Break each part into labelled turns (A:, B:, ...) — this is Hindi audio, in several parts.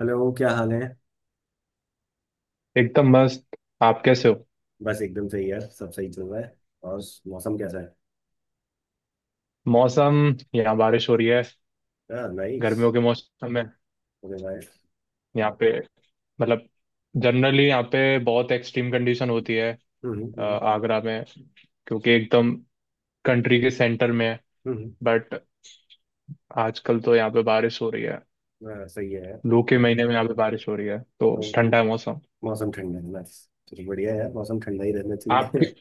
A: हेलो, क्या हाल है।
B: एकदम मस्त। आप कैसे हो?
A: बस एकदम सही है, सब सही चल रहा है। और मौसम कैसा है।
B: मौसम, यहाँ बारिश हो रही है
A: हाँ, नाइस।
B: गर्मियों के मौसम में।
A: ओके भाई।
B: यहाँ पे मतलब जनरली यहाँ पे बहुत एक्सट्रीम कंडीशन होती है
A: हम्म, हम्म,
B: आगरा में, क्योंकि एकदम कंट्री के सेंटर में है।
A: हम्म।
B: बट आजकल तो यहाँ पे बारिश हो रही है।
A: हाँ, सही है यार।
B: लू के
A: यहाँ पे
B: महीने में यहाँ पे बारिश हो रही है तो
A: तो
B: ठंडा है मौसम।
A: मौसम ठंडा है, नाइस। चलो बढ़िया है यार, मौसम ठंडा ही रहना चाहिए।
B: आपकी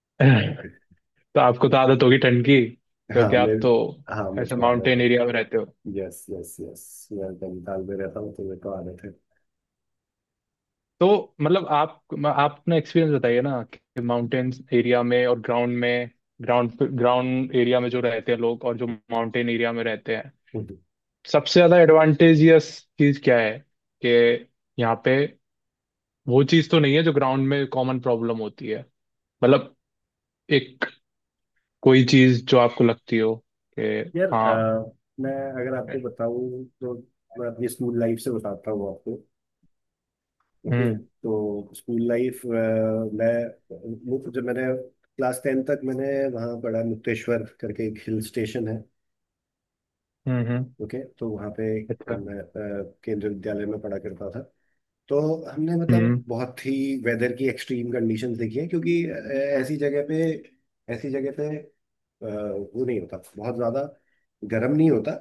B: तो आपको तो आदत होगी ठंड की, क्योंकि
A: हाँ मैं
B: आप तो
A: हाँ,
B: ऐसे
A: मुझको आ रहा
B: माउंटेन
A: था।
B: एरिया में रहते हो।
A: Yes, yes, yes. मैं नैनीताल में रहता हूँ तो मेरे को आ रहे थे।
B: तो मतलब आप अपना एक्सपीरियंस बताइए ना कि माउंटेन्स एरिया में और ग्राउंड में, ग्राउंड ग्राउंड एरिया में जो रहते हैं लोग और जो माउंटेन एरिया में रहते हैं,
A: हम्म।
B: सबसे ज्यादा एडवांटेजियस चीज क्या है कि यहाँ पे वो चीज तो नहीं है जो ग्राउंड में कॉमन प्रॉब्लम होती है। मतलब एक कोई चीज जो आपको लगती हो, कि
A: यार,
B: हाँ।
A: मैं अगर आपको बताऊँ तो मैं अपनी स्कूल लाइफ से बताता हूँ आपको। ओके,
B: हम्म
A: तो स्कूल लाइफ मैं मुझे, जब मैंने क्लास 10 तक मैंने वहाँ पढ़ा, मुक्तेश्वर करके एक हिल स्टेशन है।
B: हम्म।
A: ओके, तो वहाँ पे
B: अच्छा।
A: मैं केंद्रीय विद्यालय में पढ़ा करता था। तो हमने, मतलब,
B: हम्म
A: बहुत ही वेदर की एक्सट्रीम कंडीशंस देखी है, क्योंकि ऐसी जगह पे ऐसी जगह पे अ, वो नहीं होता, बहुत ज़्यादा गर्म नहीं होता।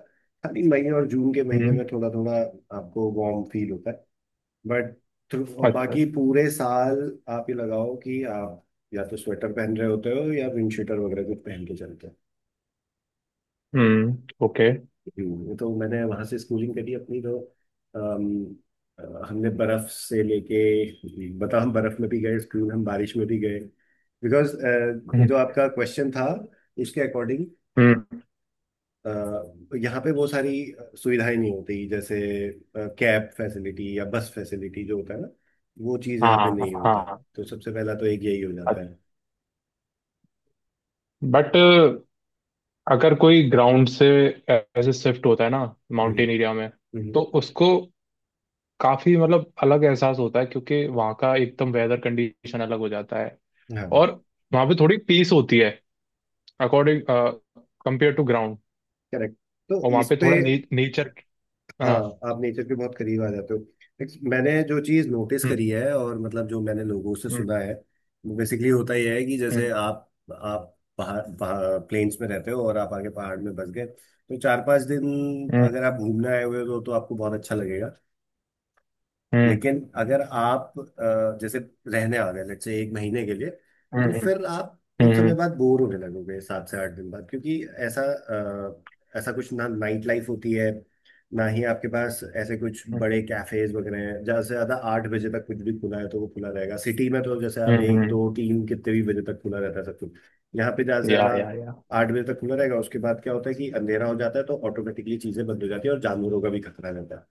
A: खाली मई और जून के महीने
B: हम्म।
A: में थोड़ा थोड़ा आपको वार्म फील होता है, बट
B: अच्छा।
A: बाकी पूरे साल आप ये लगाओ कि आप या तो स्वेटर पहन रहे होते हो, या विंड शीटर वगैरह कुछ पहन के चलते
B: हम्म। ओके।
A: हो। तो मैंने वहां से स्कूलिंग करी अपनी तो अम, हमने बर्फ से लेके, बता, हम बर्फ में भी गए स्कूल, हम बारिश में भी गए, बिकॉज
B: हम्म
A: जो आपका क्वेश्चन था उसके अकॉर्डिंग।
B: हम्म,
A: अ, यहाँ पे वो सारी सुविधाएं नहीं होती, जैसे कैब फैसिलिटी या बस फैसिलिटी जो होता है ना, वो चीज़ यहाँ पे
B: हाँ
A: नहीं होता है।
B: हाँ।
A: तो सबसे पहला तो एक यही हो जाता
B: अच्छा।
A: है।
B: बट अगर कोई ग्राउंड से ऐसे शिफ्ट होता है ना
A: हम्म,
B: माउंटेन एरिया में,
A: हम्म।
B: तो उसको काफी मतलब अलग एहसास होता है क्योंकि वहाँ का एकदम वेदर कंडीशन अलग हो जाता है।
A: हाँ,
B: और वहाँ पे थोड़ी पीस होती है, according, compare to ground.
A: Correct. तो
B: और वहाँ
A: इस
B: पे
A: पे,
B: थोड़ा नेचर।
A: हाँ,
B: हाँ।
A: आप नेचर के बहुत करीब आ जाते हो। Next, मैंने जो चीज़ नोटिस
B: हम्म
A: करी है, और मतलब जो मैंने लोगों से
B: हम्म
A: सुना है, वो बेसिकली होता यह है कि जैसे
B: हम्म
A: आप पहाड़, प्लेन्स में रहते हो और आप आगे पहाड़ में बस गए, तो 4 5 दिन
B: हम्म
A: अगर आप घूमने आए हुए हो तो आपको बहुत अच्छा लगेगा।
B: हम्म
A: लेकिन अगर आप जैसे रहने आ गए, लेट्स से एक महीने के लिए,
B: हम्म
A: तो
B: हम्म
A: फिर आप
B: हम्म
A: कुछ समय
B: हम्म
A: बाद बोर होने लगोगे, 7 से 8 दिन बाद, क्योंकि ऐसा ऐसा कुछ ना नाइट लाइफ होती है, ना ही आपके पास ऐसे कुछ
B: हम्म,
A: बड़े कैफेज वगैरह हैं। ज़्यादा से ज़्यादा 8 बजे तक कुछ भी खुला है तो वो खुला रहेगा। सिटी में तो जैसे आप
B: हम्म,
A: एक,
B: हम्म।
A: दो, तीन कितने भी बजे तक खुला रहता है सब कुछ, यहाँ पे ज़्यादा से
B: या
A: ज़्यादा
B: या या
A: 8 बजे तक खुला रहेगा। उसके बाद क्या होता है कि अंधेरा हो जाता है, तो ऑटोमेटिकली चीज़ें बंद हो जाती है, और जानवरों का भी खतरा रहता है।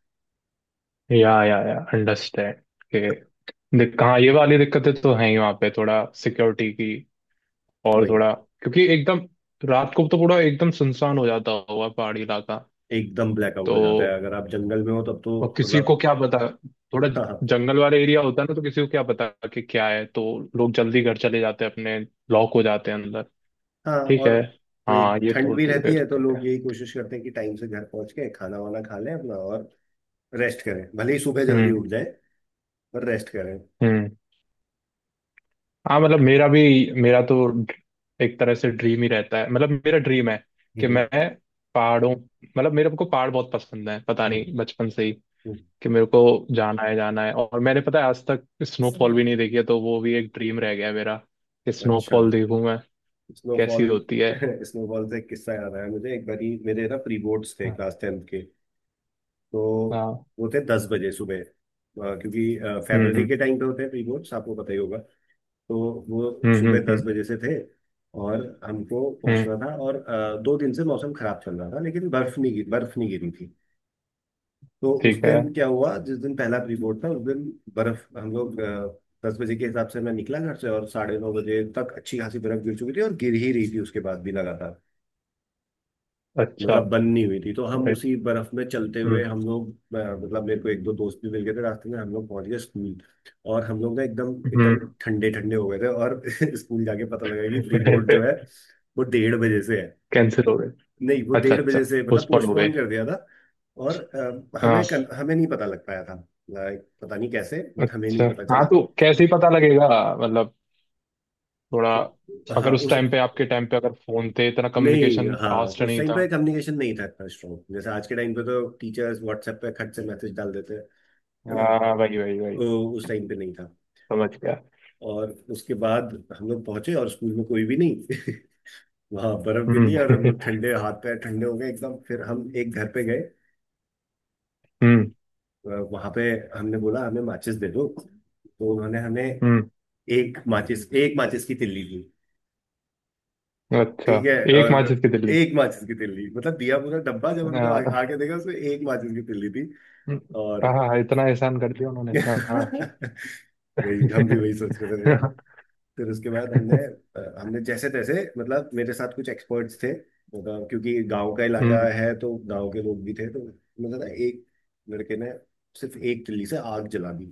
B: या अंडरस्टैंड के। हाँ ये वाली दिक्कतें तो हैं ही वहाँ पे, थोड़ा सिक्योरिटी की और
A: वही,
B: थोड़ा, क्योंकि एकदम रात को तो पूरा एकदम सुनसान हो जाता होगा पहाड़ी इलाका।
A: एकदम ब्लैकआउट
B: तो
A: हो जाता है, अगर आप जंगल में हो तब तो
B: और किसी को
A: मतलब।
B: क्या पता, थोड़ा
A: हाँ।
B: जंगल वाला एरिया होता है ना तो किसी को क्या पता कि क्या है, तो लोग जल्दी घर चले जाते हैं अपने, लॉक हो जाते हैं अंदर।
A: हाँ,
B: ठीक
A: और
B: है।
A: वही
B: हाँ ये तो
A: ठंड भी
B: होती
A: रहती
B: होती
A: है, तो
B: दिक्कत है।
A: लोग यही कोशिश करते हैं कि टाइम से घर पहुंच के खाना वाना खा लें अपना, और रेस्ट करें, भले ही सुबह जल्दी
B: हम्म
A: उठ जाए पर रेस्ट करें।
B: हम्म। हाँ मतलब मेरा भी, मेरा तो एक तरह से ड्रीम ही रहता है, मतलब मेरा ड्रीम है कि
A: हम्म,
B: मैं पहाड़ों, मतलब मेरे को पहाड़ बहुत पसंद है पता
A: हम्म,
B: नहीं बचपन से ही,
A: हम्म।
B: कि मेरे को जाना है जाना है। और मैंने पता है आज तक स्नोफॉल भी नहीं देखी है तो वो भी एक ड्रीम रह गया है मेरा कि
A: अच्छा।
B: स्नोफॉल देखूं मैं,
A: स्नोफॉल,
B: कैसी होती है।
A: स्नोफॉल से एक किस्सा याद आया मुझे। एक बारी मेरे ना प्री बोर्ड्स थे क्लास 10th के, तो
B: हाँ।
A: वो थे 10 बजे सुबह, क्योंकि
B: हम्म
A: फेब्रवरी
B: हम्म
A: के टाइम पे होते हैं प्री बोर्ड्स, आपको पता ही होगा। तो वो
B: हम्म
A: सुबह
B: हम्म
A: दस
B: हम्म
A: बजे से थे, और हमको
B: हम्म,
A: पहुंचना था, और 2 दिन से मौसम खराब चल रहा था, लेकिन बर्फ नहीं गिरी थी। तो उस
B: ठीक है।
A: दिन क्या हुआ, जिस दिन पहला प्री बोर्ड था उस दिन बर्फ, हम लोग 10 बजे के हिसाब से मैं निकला घर से, और 9:30 बजे तक अच्छी खासी बर्फ गिर चुकी थी, और गिर ही रही थी उसके बाद भी लगातार,
B: अच्छा।
A: मतलब बंद नहीं हुई थी। तो हम
B: अरे।
A: उसी बर्फ में चलते हुए,
B: हम्म
A: हम लोग, मतलब मेरे को एक दो दोस्त भी मिल गए थे रास्ते में, हम लोग पहुंच गए स्कूल। और हम लोग ना एकदम एकदम
B: हम्म।
A: ठंडे ठंडे हो गए थे, और स्कूल जाके पता लगा कि प्री बोर्ड जो है, वो 1:30 बजे से है।
B: कैंसिल हो गए?
A: नहीं, वो
B: अच्छा
A: डेढ़
B: अच्छा।
A: बजे से मतलब
B: पोस्टपोन हो गए।
A: पोस्टपोन कर दिया था, और
B: हाँ।
A: हमें नहीं पता लग पाया था। Like, पता नहीं कैसे, बट हमें
B: अच्छा।
A: नहीं पता चला।
B: हाँ तो कैसे ही पता लगेगा, मतलब थोड़ा,
A: हाँ
B: अगर उस
A: उस
B: टाइम पे आपके टाइम पे अगर फोन थे, इतना
A: नहीं,
B: कम्युनिकेशन
A: हाँ,
B: फास्ट
A: उस
B: नहीं
A: टाइम
B: था।
A: पे कम्युनिकेशन नहीं था इतना स्ट्रॉन्ग, जैसे आज के टाइम पे तो टीचर्स व्हाट्सएप पे खट से मैसेज डाल देते हैं, है ना।
B: हाँ वही वही वही,
A: तो उस टाइम पे नहीं था।
B: समझ गया।
A: और उसके बाद हम लोग पहुंचे, और स्कूल में कोई भी नहीं। वहाँ बर्फ
B: हम्म।
A: गिरी, और हम लोग ठंडे, हाथ पैर ठंडे हो गए एकदम। फिर हम एक घर पे गए,
B: हम्म
A: वहां पे हमने बोला हमें माचिस दे दो, तो उन्होंने हमें
B: हम्म।
A: एक माचिस की तिल्ली दी।
B: अच्छा,
A: ठीक है।
B: एक
A: और
B: माचिस की तिल्ली।
A: एक माचिस की तिल्ली, मतलब दिया पूरा डब्बा, जब हमने
B: हाँ
A: आके देखा उसमें एक माचिस की तिल्ली थी। और
B: हाँ, इतना एहसान कर दिया उन्होंने, हाँ।
A: वही हम भी वही सोच रहे थे।
B: हम्म
A: फिर उसके बाद हमने, हमने जैसे तैसे, मतलब मेरे साथ कुछ एक्सपर्ट्स थे, मतलब क्योंकि गांव का इलाका है, तो गांव के लोग भी थे, तो मतलब ना एक लड़के ने सिर्फ एक तिल्ली से आग जला दी।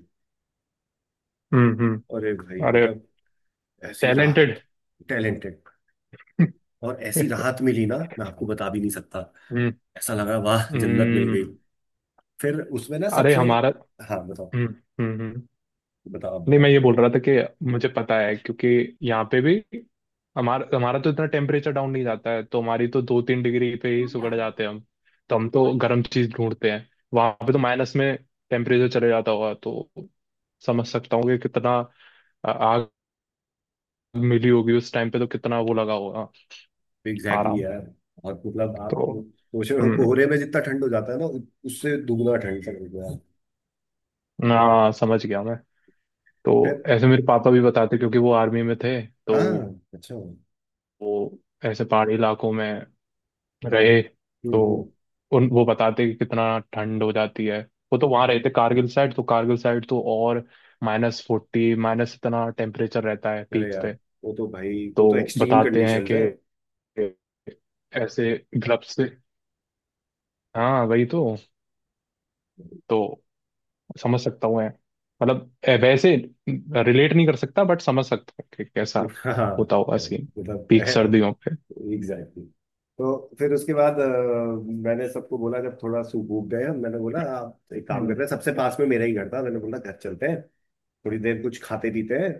B: हम्म।
A: अरे भाई,
B: अरे।
A: मतलब ऐसी
B: टैलेंटेड।
A: राहत। टैलेंटेड। और ऐसी राहत मिली ना, मैं आपको बता भी नहीं सकता।
B: हम्म
A: ऐसा लगा, वाह, जन्नत मिल गई।
B: हम्म।
A: फिर उसमें ना
B: अरे
A: सबसे,
B: हमारा।
A: हाँ बताओ।
B: हम्म हम्म हम्म।
A: बताओ, आप
B: नहीं मैं
A: बताओ।
B: ये बोल रहा था कि मुझे पता है, क्योंकि यहाँ पे भी हमारा हमारा तो इतना टेम्परेचर डाउन नहीं जाता है तो हमारी तो 2-3 डिग्री पे ही सुगड़ जाते हैं हम। तो हम तो गर्म चीज ढूंढते हैं। वहां पे तो माइनस में टेम्परेचर चले जाता होगा, तो समझ सकता हूँ कि कितना आग मिली होगी उस टाइम पे, तो कितना वो लगा होगा
A: एग्जैक्टली, exactly
B: आराम।
A: यार। और मतलब
B: तो
A: आप सोच रहे हो
B: हम्म।
A: कोहरे में जितना ठंड हो जाता है ना, उससे दुगना ठंड चल गया।
B: हाँ समझ गया मैं। तो ऐसे मेरे पापा भी बताते, क्योंकि वो आर्मी में थे। तो
A: हाँ, अच्छा। हम्म,
B: वो ऐसे पहाड़ी इलाकों में रहे, तो
A: हम्म।
B: उन वो बताते कि कितना ठंड हो जाती है। वो तो वहां रहते कारगिल साइड, तो कारगिल साइड तो और -40 माइनस इतना टेम्परेचर रहता है
A: अरे
B: पीक
A: यार,
B: पे।
A: वो तो भाई वो तो
B: तो
A: एक्सट्रीम
B: बताते हैं
A: कंडीशंस
B: कि
A: हैं।
B: ऐसे ग्लव्स से, हाँ वही तो समझ सकता हूँ मैं, मतलब वैसे रिलेट नहीं कर सकता बट समझ सकता हूँ कि कैसा
A: हाँ,
B: होता होगा सीन
A: करेक्ट,
B: पीक
A: मतलब
B: सर्दियों पे।
A: एग्जैक्टली। तो फिर उसके बाद मैंने सबको बोला, जब थोड़ा सूप भूख गए हम, मैंने बोला आप एक काम
B: हम्म
A: करते हैं, सबसे पास में मेरा ही घर था, मैंने बोला घर चलते हैं, थोड़ी देर कुछ खाते पीते हैं।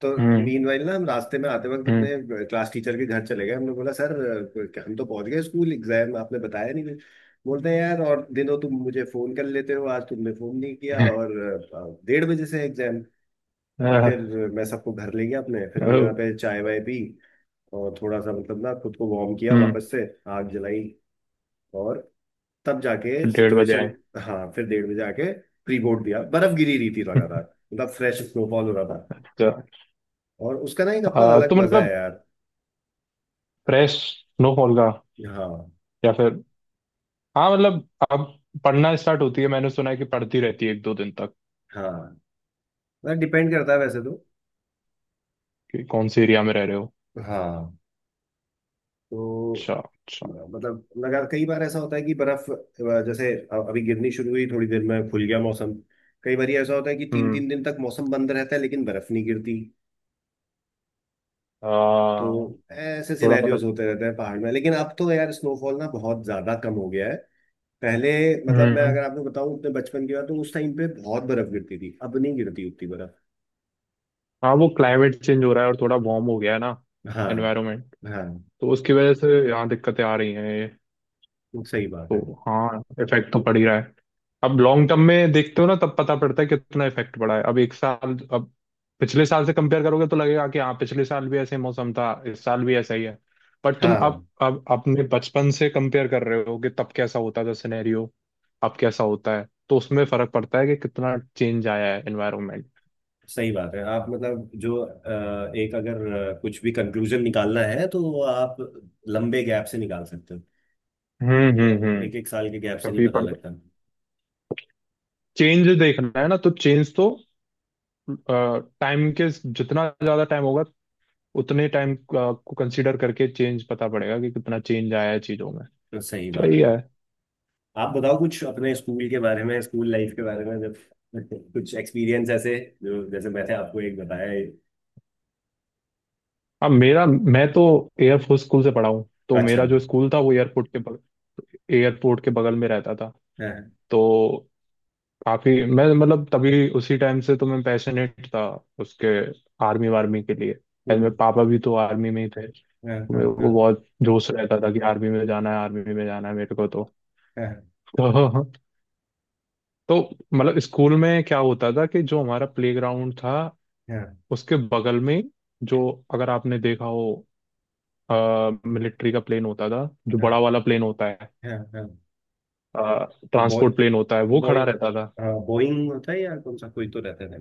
A: तो
B: हम्म
A: मीनवाइल ना हम रास्ते में आते वक्त
B: हम्म।
A: अपने क्लास टीचर के घर चले गए, हमने बोला सर हम तो पहुंच गए स्कूल, एग्जाम आपने बताया नहीं कुछ। बोलते हैं यार, और दिनों तुम मुझे फोन कर लेते हो, आज तुमने फोन नहीं किया, और 1:30 बजे से एग्जाम।
B: आह,
A: फिर मैं सबको घर ले गया अपने, फिर हमने
B: ओह,
A: वहाँ पे चाय वाय पी, और थोड़ा सा मतलब ना खुद को वार्म किया
B: हम्म।
A: वापस से, आग जलाई, और तब जाके
B: 1:30 बजे
A: सिचुएशन।
B: आए?
A: हाँ, फिर 1:30 बजे आके प्री बोर्ड दिया, बर्फ गिरी रही थी लगातार, मतलब फ्रेश स्नोफॉल हो रहा था,
B: अच्छा।
A: और उसका ना एक अपना
B: तो
A: अलग मजा है
B: मतलब
A: यार।
B: फ्रेश स्नोफॉल का,
A: हाँ।
B: या फिर हाँ मतलब अब पढ़ना स्टार्ट होती है, मैंने सुना है कि पढ़ती रहती है एक दो दिन तक,
A: हाँ, मतलब डिपेंड करता है वैसे तो।
B: कि कौन से एरिया में रह रहे हो।
A: हाँ। तो,
B: अच्छा अच्छा।
A: मतलब, लगा कई बार ऐसा होता है कि बर्फ जैसे अभी गिरनी शुरू हुई, थोड़ी देर में खुल गया मौसम। कई बार ऐसा होता है कि तीन
B: हम्म।
A: तीन दिन तक मौसम बंद रहता है, लेकिन बर्फ नहीं गिरती। तो
B: आ,
A: ऐसे
B: थोड़ा
A: सिनेरियोज
B: मतलब।
A: होते रहते हैं पहाड़ में, लेकिन अब तो यार स्नोफॉल ना बहुत ज्यादा कम हो गया है। पहले, मतलब, मैं
B: हम्म।
A: अगर आपको बताऊं अपने बचपन की बात, तो उस टाइम पे बहुत बर्फ गिरती थी, अब नहीं गिरती उतनी बर्फ।
B: हाँ वो क्लाइमेट चेंज हो रहा है और थोड़ा वार्म हो गया है ना
A: हाँ।
B: एनवायरनमेंट,
A: हाँ,
B: तो उसकी वजह से यहाँ दिक्कतें आ रही हैं।
A: सही बात
B: तो
A: है।
B: हाँ इफेक्ट तो पड़ ही रहा है। अब लॉन्ग टर्म में देखते हो ना तब पता पड़ता है कितना इफेक्ट पड़ा है। अब एक साल, अब पिछले साल से कंपेयर करोगे तो लगेगा कि हाँ पिछले साल भी ऐसे मौसम था इस साल भी ऐसा ही है, बट तुम अब
A: हाँ,
B: अब अपने बचपन से कंपेयर कर रहे हो कि तब कैसा होता था सिनेरियो, अब कैसा होता है, तो उसमें फर्क पड़ता है कि कितना चेंज आया है एनवायरमेंट।
A: सही बात है। आप मतलब जो, एक, अगर कुछ भी कंक्लूजन निकालना है, तो वो आप लंबे गैप से निकाल सकते हो, तो
B: हम्म।
A: एक एक साल के गैप से नहीं
B: तभी
A: पता
B: पड़ता,
A: लगता।
B: चेंज देखना है ना तो चेंज तो टाइम के, जितना ज्यादा टाइम होगा उतने टाइम को कंसीडर करके चेंज पता पड़ेगा कि कितना चेंज आया है चीजों में।
A: तो सही बात
B: वही
A: है।
B: है।
A: आप बताओ कुछ अपने स्कूल के बारे में, स्कूल लाइफ के बारे में, जब कुछ एक्सपीरियंस ऐसे, जो जैसे मैंने आपको एक बताया है।
B: अब मेरा, मैं तो एयरफोर्स स्कूल से पढ़ा हूँ तो
A: अच्छा।
B: मेरा जो स्कूल था वो एयरपोर्ट के बगल, एयरपोर्ट के बगल में रहता था।
A: हाँ।
B: तो काफी मैं मतलब तभी उसी टाइम से तो मैं पैशनेट था उसके, आर्मी वार्मी के लिए। एंड मेरे
A: हम्म,
B: पापा भी तो आर्मी में ही थे तो
A: हाँ,
B: मेरे
A: हाँ,
B: को
A: हाँ।
B: बहुत जोश रहता था कि आर्मी में जाना है आर्मी में जाना है मेरे को तो।
A: हाँ,
B: तो, तो मतलब स्कूल में क्या होता था कि जो हमारा प्लेग्राउंड था उसके बगल में जो, अगर आपने देखा हो, मिलिट्री का प्लेन होता था, जो बड़ा
A: हाँ,
B: वाला प्लेन होता है,
A: हाँ, हाँ। हाँ। बॉय,
B: ट्रांसपोर्ट प्लेन होता है वो
A: बॉय।
B: खड़ा रहता था।
A: हाँ, बोइंग होता है या कौन सा, कोई तो रहता है।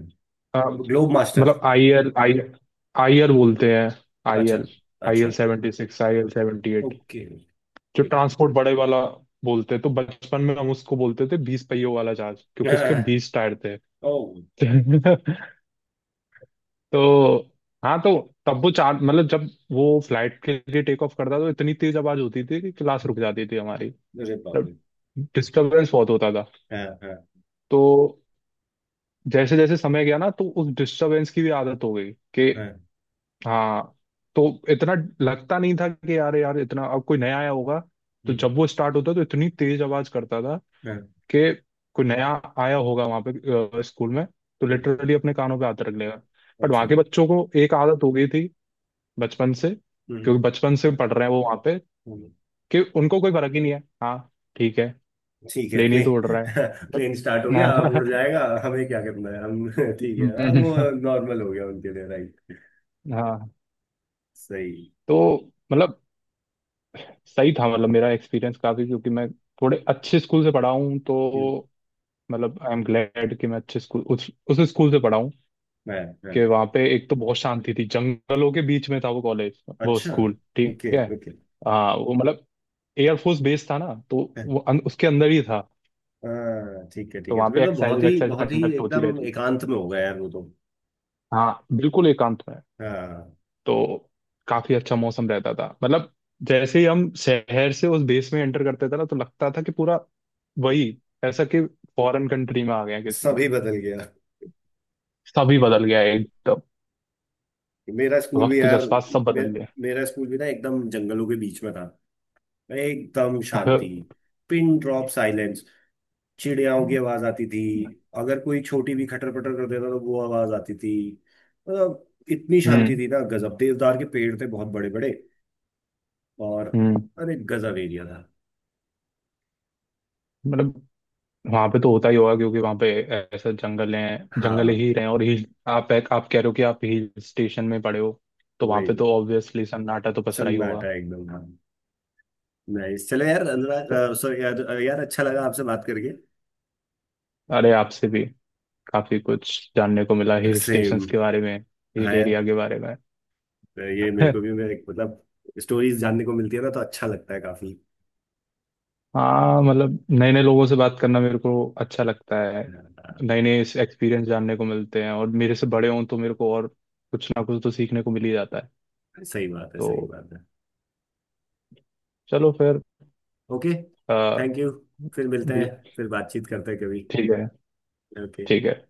B: अ,
A: ग्लोब मास्टर।
B: मतलब आई एल बोलते हैं, आई
A: अच्छा।
B: एल, आई
A: अच्छा,
B: एल 76, आई एल 78,
A: ओके,
B: जो
A: ठीक।
B: ट्रांसपोर्ट बड़े वाला बोलते हैं। तो बचपन में हम उसको बोलते थे 20 पहियों वाला जहाज, क्योंकि उसके
A: हाँ,
B: 20 टायर थे।
A: ओ।
B: तो हाँ, तो तब वो चार मतलब जब वो फ्लाइट के लिए टेक ऑफ करता तो इतनी तेज आवाज होती थी कि क्लास रुक जाती थी हमारी।
A: अरे बाप
B: मतलब
A: रे।
B: डिस्टरबेंस बहुत होता था।
A: हाँ, हाँ,
B: तो जैसे जैसे समय गया ना तो उस डिस्टरबेंस की भी आदत हो गई, कि
A: हाँ।
B: हाँ, तो इतना लगता नहीं था कि यार यार इतना, अब कोई नया आया होगा तो
A: हम्म,
B: जब वो स्टार्ट होता तो इतनी तेज आवाज करता था
A: हाँ,
B: कि कोई नया आया होगा वहां पे स्कूल में, तो
A: हम्म,
B: लिटरली अपने कानों पे हाथ रख लेगा। बट
A: अच्छा,
B: वहां के बच्चों को एक आदत हो गई थी बचपन से,
A: हम्म,
B: क्योंकि बचपन से पढ़ रहे हैं वो वहां पे,
A: हम्म,
B: कि उनको कोई फर्क ही नहीं है। हाँ ठीक है,
A: ठीक है।
B: प्लेन ही तो उड़
A: प्लेन,
B: रहा है
A: प्लेन स्टार्ट हो गया, अब उड़
B: मतलब।
A: जाएगा, हमें क्या करना है हम। ठीक है, हाँ, वो नॉर्मल हो गया उनके लिए, राइट।
B: हाँ हाँ,
A: सही।
B: तो मतलब सही था, मतलब मेरा एक्सपीरियंस काफी, क्योंकि मैं थोड़े अच्छे स्कूल से पढ़ा हूँ।
A: हम्म,
B: तो मतलब आई एम ग्लैड कि मैं अच्छे स्कूल उस स्कूल से पढ़ा हूँ,
A: हाँ, हाँ।
B: कि वहाँ पे एक तो बहुत शांति थी, जंगलों के बीच में था वो कॉलेज वो
A: अच्छा,
B: स्कूल। ठीक
A: ओके,
B: है,
A: ओके।
B: हाँ वो मतलब एयरफोर्स बेस था ना तो वो उसके अंदर ही था।
A: हाँ, ठीक है, ठीक
B: तो
A: है।
B: वहाँ
A: तो फिर
B: पे
A: तो बहुत
B: एक्सरसाइज
A: ही,
B: एक्सरसाइज
A: बहुत ही
B: कंडक्ट होती
A: एकदम
B: रहती।
A: एकांत में हो गया यार, वो तो।
B: हाँ बिल्कुल एकांत में।
A: हाँ,
B: तो काफी अच्छा मौसम रहता था मतलब। जैसे ही हम शहर से उस देश में एंटर करते थे ना तो लगता था कि पूरा वही ऐसा कि फॉरेन कंट्री में आ गए हैं किसी में,
A: सभी बदल गया।
B: सभी बदल गया है एकदम,
A: मेरा स्कूल भी
B: वक्त
A: यार,
B: जज्बात सब
A: मे,
B: बदल गए।
A: मेरा स्कूल भी ना एकदम जंगलों के बीच में था, एकदम शांति, पिन ड्रॉप साइलेंस। चिड़ियाओं की आवाज आती थी, अगर कोई छोटी भी खटर पटर कर देता तो वो आवाज आती थी, मतलब इतनी शांति
B: हम्म
A: थी ना, गजब। देवदार के पेड़ थे बहुत बड़े बड़े। और,
B: हम्म।
A: अरे, गजब एरिया था।
B: मतलब वहां पे तो होता ही होगा, क्योंकि वहां पे ऐसा जंगल है, जंगल
A: हाँ,
B: ही रहे हैं, और हिल, आप कह रहे हो कि आप हिल स्टेशन में पड़े हो, तो वहां पे
A: वही
B: तो ऑब्वियसली सन्नाटा तो पसरा ही होगा।
A: सन्नाटा, एकदम हाँ। नाइस, चलो यार। सॉरी यार, यार, अच्छा लगा आपसे बात करके।
B: अरे, आपसे भी काफी कुछ जानने को मिला हिल
A: सेम।
B: स्टेशंस के बारे में, हिल
A: हाँ
B: एरिया
A: यार,
B: के बारे में।
A: तो ये मेरे को भी, मेरे, मतलब, स्टोरीज जानने को मिलती है ना, तो अच्छा लगता है काफी।
B: हाँ मतलब नए नए लोगों से बात करना मेरे को अच्छा लगता है,
A: हाँ,
B: नए नए एक्सपीरियंस जानने को मिलते हैं और मेरे से बड़े हों तो मेरे को और कुछ ना कुछ तो सीखने को मिल ही जाता है।
A: सही बात है,
B: तो
A: सही बात है।
B: चलो फिर
A: ओके,
B: अ,
A: थैंक यू, फिर मिलते हैं,
B: भी-
A: फिर बातचीत करते हैं कभी।
B: ठीक है
A: ओके।
B: ठीक है।